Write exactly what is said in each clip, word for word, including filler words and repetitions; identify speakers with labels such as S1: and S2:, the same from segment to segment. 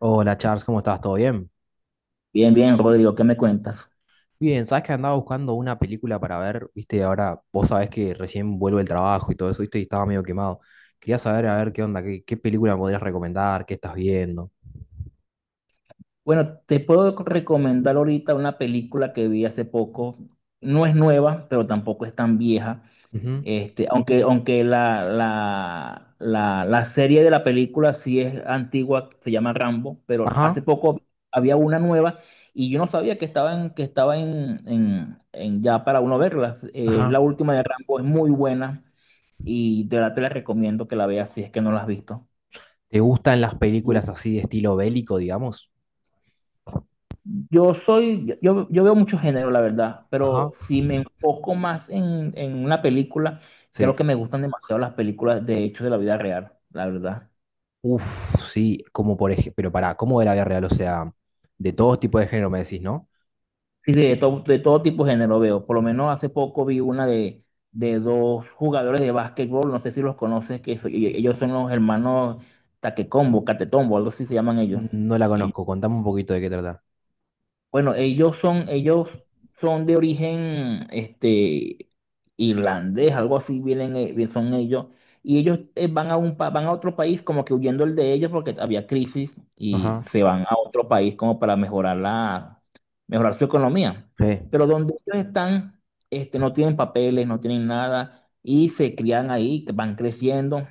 S1: Hola Charles, ¿cómo estás? ¿Todo bien?
S2: Bien, bien, Rodrigo, ¿qué me cuentas?
S1: Bien, sabes que andaba buscando una película para ver, viste, ahora vos sabés que recién vuelvo del trabajo y todo eso, viste, y estaba medio quemado. Quería saber, a ver, qué onda, qué, qué película me podrías recomendar, qué estás viendo.
S2: Bueno, te puedo recomendar ahorita una película que vi hace poco. No es nueva, pero tampoco es tan vieja.
S1: Ujú.
S2: Este, aunque, aunque la, la, la, la serie de la película sí es antigua, se llama Rambo, pero hace
S1: Ajá,
S2: poco había una nueva y yo no sabía que estaba en, que estaba en, en, en ya para uno verla. Eh, la
S1: ajá.
S2: última de Rambo es muy buena y de verdad te la recomiendo que la veas si es que no la has visto.
S1: ¿Te gustan las películas así de estilo bélico, digamos?
S2: Yo soy, yo, yo veo mucho género, la verdad,
S1: Ajá.
S2: pero si me enfoco más en, en una película, creo
S1: Sí.
S2: que me gustan demasiado las películas de hechos de la vida real, la verdad.
S1: Uf, sí, como por ejemplo, pero pará, ¿cómo de la vida real? O sea, de todos tipos de género me decís, ¿no?
S2: Sí, de todo, de todo tipo de género veo. Por lo menos hace poco vi una de, de dos jugadores de básquetbol, no sé si los conoces, que so- y- ellos son los hermanos Taquecombo, Catetombo, algo así se llaman ellos.
S1: No la conozco, contame un poquito de qué trata.
S2: Bueno, ellos son, ellos son de origen este, irlandés, algo así vienen, eh, bien son ellos. Y ellos eh, van a un pa- van a otro país como que huyendo el de ellos porque había crisis y
S1: Ajá.
S2: se van a otro país como para mejorar la, mejorar su economía.
S1: Sí.
S2: Pero donde ellos están, este, no tienen papeles, no tienen nada y se crían ahí, van creciendo.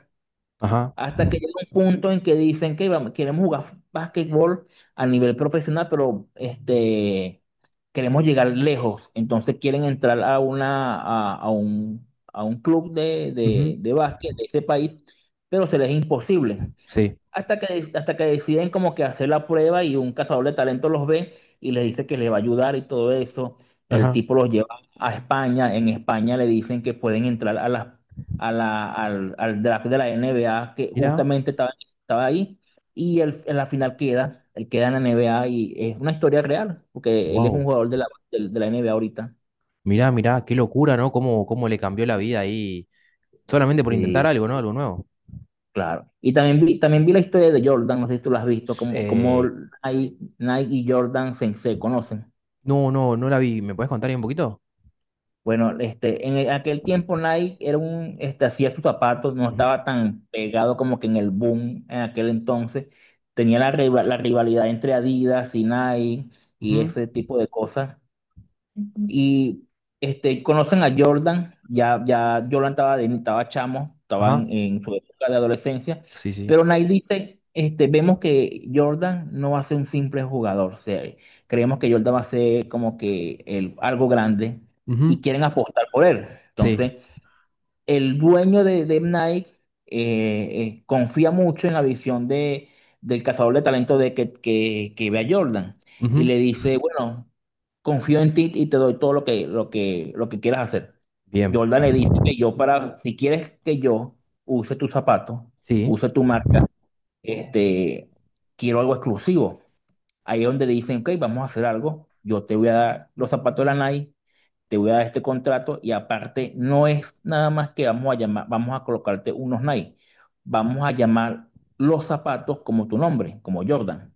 S1: Ajá.
S2: Hasta que llega un punto en que dicen que vamos- queremos jugar básquetbol a nivel profesional, pero este, queremos llegar lejos. Entonces quieren entrar a, una, a, a un, a un club de, de,
S1: Ujú.
S2: de básquet de ese país, pero se les es imposible.
S1: Sí.
S2: Hasta que, hasta que deciden como que hacer la prueba y un cazador de talentos los ve y les dice que les va a ayudar y todo eso. El
S1: Ajá.
S2: tipo los lleva a España. En España le dicen que pueden entrar a la, a la, al, al draft de la N B A que
S1: Mira,
S2: justamente estaba, estaba ahí. Y él, en la final queda, él queda en la N B A y es una historia real, porque él es un
S1: wow.
S2: jugador de la, de, de la N B A ahorita.
S1: Mira, mira, qué locura, ¿no? Cómo, cómo le cambió la vida ahí solamente por intentar
S2: Sí,
S1: algo, ¿no? Algo nuevo.
S2: claro. Y también vi, también vi la historia de Jordan, no sé si tú la has visto,
S1: S-
S2: como, como
S1: eh,
S2: Nike Nike y Jordan se se conocen.
S1: no, no, no la vi. ¿Me puedes contar ahí un poquito?
S2: Bueno, este, en aquel tiempo Nike era un, este, hacía sus zapatos, no
S1: Ujú,
S2: estaba tan pegado como que en el boom en aquel entonces. Tenía la, riva- la rivalidad entre Adidas y Nike
S1: ujú.
S2: y ese tipo de cosas. Y este, conocen a Jordan, ya, ya Jordan estaba, de- estaba chamo, estaba en,
S1: Ajá.
S2: en su época de adolescencia,
S1: Sí, sí.
S2: pero Nike dice, este, vemos que Jordan no va a ser un simple jugador, o sea, creemos que Jordan va a ser como que el, algo grande
S1: Ujú.
S2: y quieren apostar por él.
S1: Sí.
S2: Entonces, el dueño de, de Nike eh, eh, confía mucho en la visión de, del cazador de talento de que, que, que ve a Jordan y
S1: Ujú.
S2: le dice, bueno, confío en ti y te doy todo lo que, lo que, lo que quieras hacer.
S1: Bien.
S2: Jordan le dice que yo para, si quieres que yo use tus zapatos,
S1: Sí.
S2: use tu marca, este, quiero algo exclusivo. Ahí es donde le dicen, ok, vamos a hacer algo, yo te voy a dar los zapatos de la Nike, te voy a dar este contrato y aparte no es nada más que vamos a llamar, vamos a colocarte unos Nike, vamos a llamar los zapatos como tu nombre, como Jordan.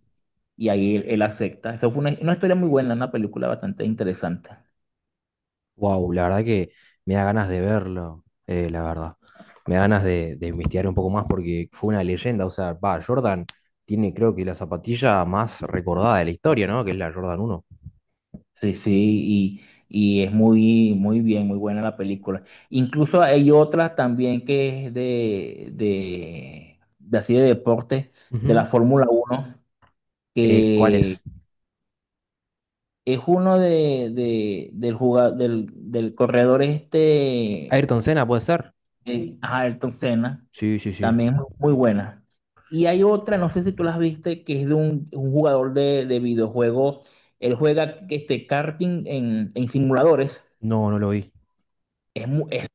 S2: Y ahí él, él acepta. Eso fue una, una historia muy buena, una película bastante interesante.
S1: Wow, la verdad que me da ganas de verlo, eh, la verdad. Me da ganas de, de investigar un poco más porque fue una leyenda. O sea, va, Jordan tiene creo que la zapatilla más recordada de la historia, ¿no? Que es la Jordan uno.
S2: Sí, sí, y, y es muy, muy bien, muy buena la película. Incluso hay otra también que es de, de, de así de deporte, de la
S1: Ujú.
S2: Fórmula uno,
S1: Eh, ¿cuál es?
S2: es uno de, de- del, jugador, del, del corredor este,
S1: Ayrton Senna, ¿puede ser?
S2: eh, ajá, Ayrton Senna,
S1: Sí, sí, sí.
S2: también es muy buena. Y hay otra, no sé si tú las viste, que es de un, un jugador de, de videojuegos. Él juega este karting en, en simuladores.
S1: No, no lo vi.
S2: Es, mu- es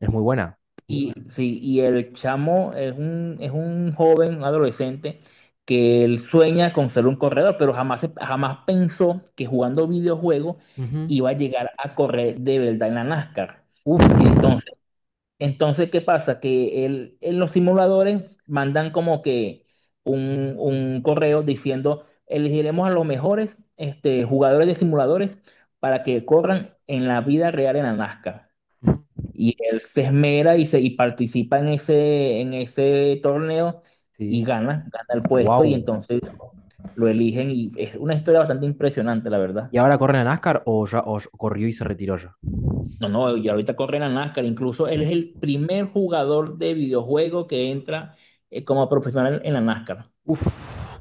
S1: Es muy buena.
S2: Y sí, y el chamo es un, es un joven, un adolescente, que él sueña con ser un corredor, pero jamás, se- jamás pensó que jugando videojuegos
S1: Ujú.
S2: iba a llegar a correr de verdad en la NASCAR.
S1: Uf.
S2: Entonces, entonces ¿qué pasa? Que él, en los simuladores mandan como que un, un correo diciendo, elegiremos a los mejores este, jugadores de simuladores para que corran en la vida real en la NASCAR.
S1: Ujú.
S2: Y él se esmera y, se, y participa en ese, en ese torneo y
S1: Sí.
S2: gana, gana el puesto y
S1: Wow.
S2: entonces lo eligen y es una historia bastante impresionante, la verdad.
S1: ¿Y ahora corre en la NASCAR o ya o ya corrió y se retiró ya?
S2: No, no, y ahorita corre la NASCAR, incluso él es el primer jugador de videojuego que entra eh, como profesional en la NASCAR.
S1: Uf,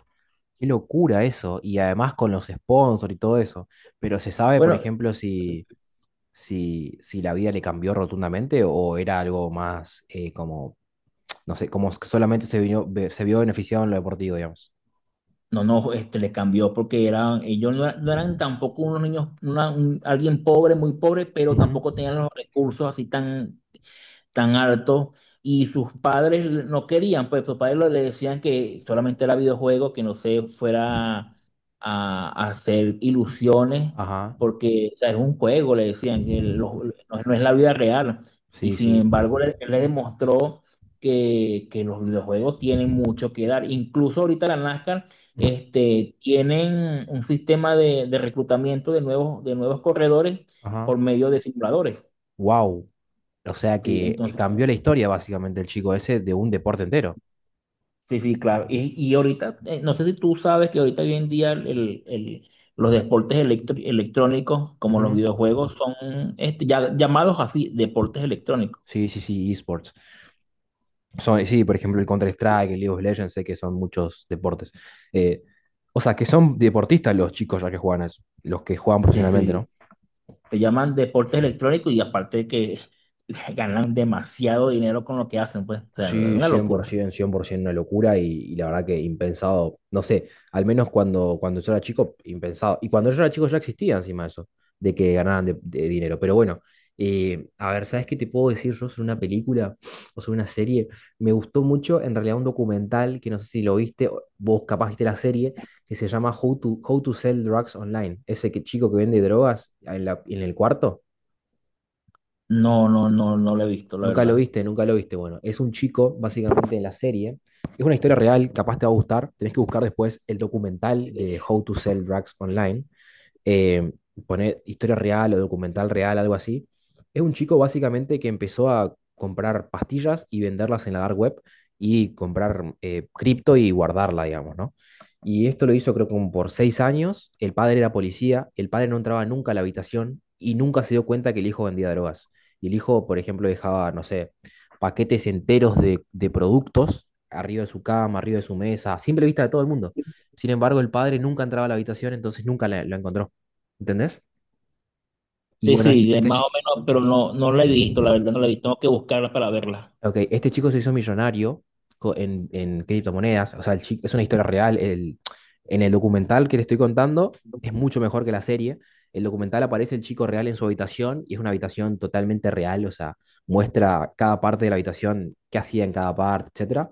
S1: qué locura eso. Y además con los sponsors y todo eso. Pero se sabe, por
S2: Bueno,
S1: ejemplo, si, si, si la vida le cambió rotundamente o era algo más eh, como, no sé, como que solamente se vino, be- se vio beneficiado en lo deportivo, digamos.
S2: no, no, este le cambió porque eran, ellos no, eran no eran tampoco unos niños, una- un- alguien pobre, muy pobre, pero
S1: Ujú.
S2: tampoco tenían los recursos así tan, tan alto, y sus padres no querían, pues sus padres le decían que solamente era videojuego, que no se fuera a, a hacer ilusiones,
S1: Ajá.
S2: porque o sea, es un juego, le decían, que lo- no, no es la vida real. Y
S1: Sí,
S2: sin
S1: sí.
S2: embargo, le, le demostró que, que los videojuegos tienen mucho que dar. Incluso ahorita la NASCAR,
S1: Ujú.
S2: este, tienen un sistema de, de reclutamiento de nuevos, de nuevos corredores
S1: Ajá.
S2: por medio de simuladores.
S1: Wow. O sea
S2: Sí,
S1: que eh,
S2: entonces
S1: cambió la historia básicamente el chico ese de un deporte entero.
S2: Sí, sí, claro. Y, y ahorita, eh, no sé si tú sabes que ahorita hoy en día el, el- el- los deportes electro- electrónicos, como los
S1: Ujú.
S2: videojuegos, son este, ya, llamados así, deportes electrónicos.
S1: Sí, sí, sí, esports. Son, eh, sí, por ejemplo, el Counter-Strike, el League of Legends, sé que son muchos deportes. Eh, o sea, que son deportistas los chicos ya que juegan a eso, los que juegan
S2: Sí,
S1: profesionalmente, ¿no?
S2: sí, se llaman deportes electrónicos y aparte que ganan demasiado dinero con lo que hacen, pues, o sea, es
S1: Sí, cien
S2: una
S1: cien, por
S2: locura.
S1: ciento, cien por cien por ciento una locura y, y la verdad que impensado, no sé, al menos cuando, cuando yo era chico, impensado. Y cuando yo era chico ya existía encima eso, de que ganaran de, de dinero. Pero bueno, eh, a ver, ¿sabes qué te puedo decir yo sobre una película o sobre una serie? Me gustó mucho, en realidad, un documental que no sé si lo viste, o vos capaz viste la serie, que se llama How to, How to Sell Drugs Online. Ese que, chico que vende drogas en la- en el cuarto.
S2: No, no, no, no lo he visto, la
S1: Nunca lo
S2: verdad.
S1: viste, nunca lo viste. Bueno, es un chico, básicamente, en la serie. Es una historia real, capaz te va a gustar. Tenés que buscar después el documental
S2: Sí,
S1: de How to Sell Drugs Online, eh, poner historia real o documental real, algo así. Es un chico básicamente que empezó a comprar pastillas y venderlas en la dark web y comprar eh, cripto y guardarla, digamos, ¿no? Y esto lo hizo creo que como por seis años. El padre era policía, el padre no entraba nunca a la habitación y nunca se dio cuenta que el hijo vendía drogas. Y el hijo, por ejemplo, dejaba, no sé, paquetes enteros de, de productos arriba de su cama, arriba de su mesa, a simple vista de todo el mundo. Sin embargo, el padre nunca entraba a la habitación, entonces nunca la- lo encontró. ¿Entendés? Y bueno, este,
S2: sí, de-
S1: este
S2: más
S1: chi-
S2: o menos, pero no, no la he visto, la verdad, no la he visto. Tengo que buscarla para verla.
S1: ok, este chico se hizo millonario co- en, en criptomonedas, o sea, el chi- es una historia real, el, en el documental que te estoy contando es mucho mejor que la serie. El documental aparece el chico real en su habitación y es una habitación totalmente real, o sea, muestra cada parte de la habitación, qué hacía en cada parte, etcétera.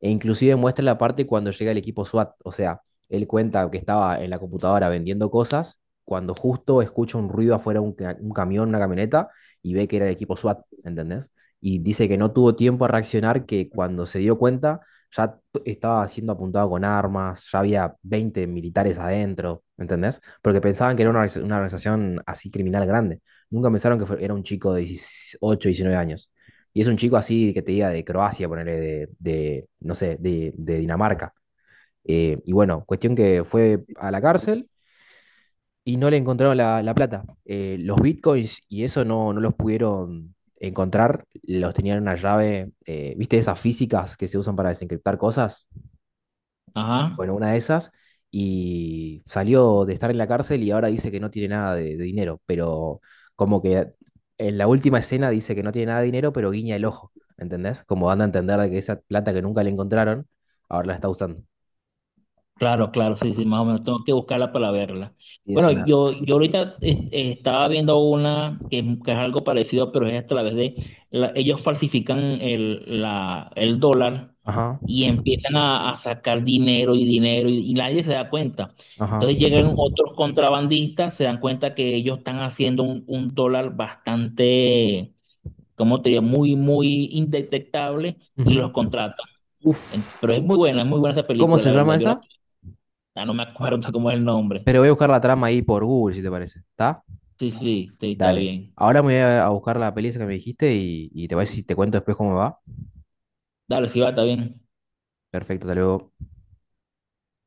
S1: E inclusive muestra la parte cuando llega el equipo SWAT. O sea, él cuenta que estaba en la computadora vendiendo cosas cuando justo escucha un ruido afuera, un, ca- un camión, una camioneta, y ve que era el equipo SWAT, ¿entendés? Y dice que no tuvo tiempo a reaccionar, que cuando se dio cuenta ya t- estaba siendo apuntado con armas, ya había veinte militares adentro, ¿entendés? Porque pensaban que era una, organiz- una organización así criminal grande. Nunca pensaron que fue- era un chico de dieciocho, diecinueve años y es un chico así que te diga de Croacia, ponerle de, de, no sé, de, de Dinamarca. Eh, y bueno, cuestión que fue a la cárcel y no le encontraron la, la plata. Eh, los bitcoins y eso no, no los pudieron encontrar, los tenían en una llave, eh, ¿viste esas físicas que se usan para desencriptar cosas?
S2: Ajá.
S1: Bueno, una de esas. Y salió de estar en la cárcel y ahora dice que no tiene nada de, de dinero. Pero como que en la última escena dice que no tiene nada de dinero, pero guiña el ojo. ¿Entendés? Como dando a entender de que esa plata que nunca le encontraron, ahora la está usando.
S2: Claro, claro, sí, sí, más o menos tengo que buscarla para verla.
S1: Y es
S2: Bueno,
S1: una.
S2: yo, yo ahorita eh, eh, estaba viendo una que, es que es algo parecido, pero es a través de la- ellos falsifican el, la, el dólar
S1: Ajá,
S2: y empiezan a, a sacar dinero y dinero y, y nadie se da cuenta.
S1: ajá.
S2: Entonces llegan otros contrabandistas, se dan cuenta que ellos están haciendo un, un dólar bastante, ¿cómo te digo? Muy, muy indetectable, y
S1: Ujú.
S2: los contratan. En- Pero es
S1: Uf.
S2: muy buena, es muy buena esa
S1: ¿Cómo
S2: película,
S1: se
S2: la verdad.
S1: llama
S2: Yo la
S1: esa?
S2: ya no me acuerdo cómo es el nombre.
S1: Pero voy a buscar la trama ahí por Google, si te parece. ¿Está?
S2: Sí, sí, sí, está
S1: Dale.
S2: bien.
S1: Ahora me voy a a buscar la peli esa que me dijiste y, y te voy a decir, te cuento después cómo me va.
S2: Dale, sí va, está bien.
S1: Perfecto, hasta luego.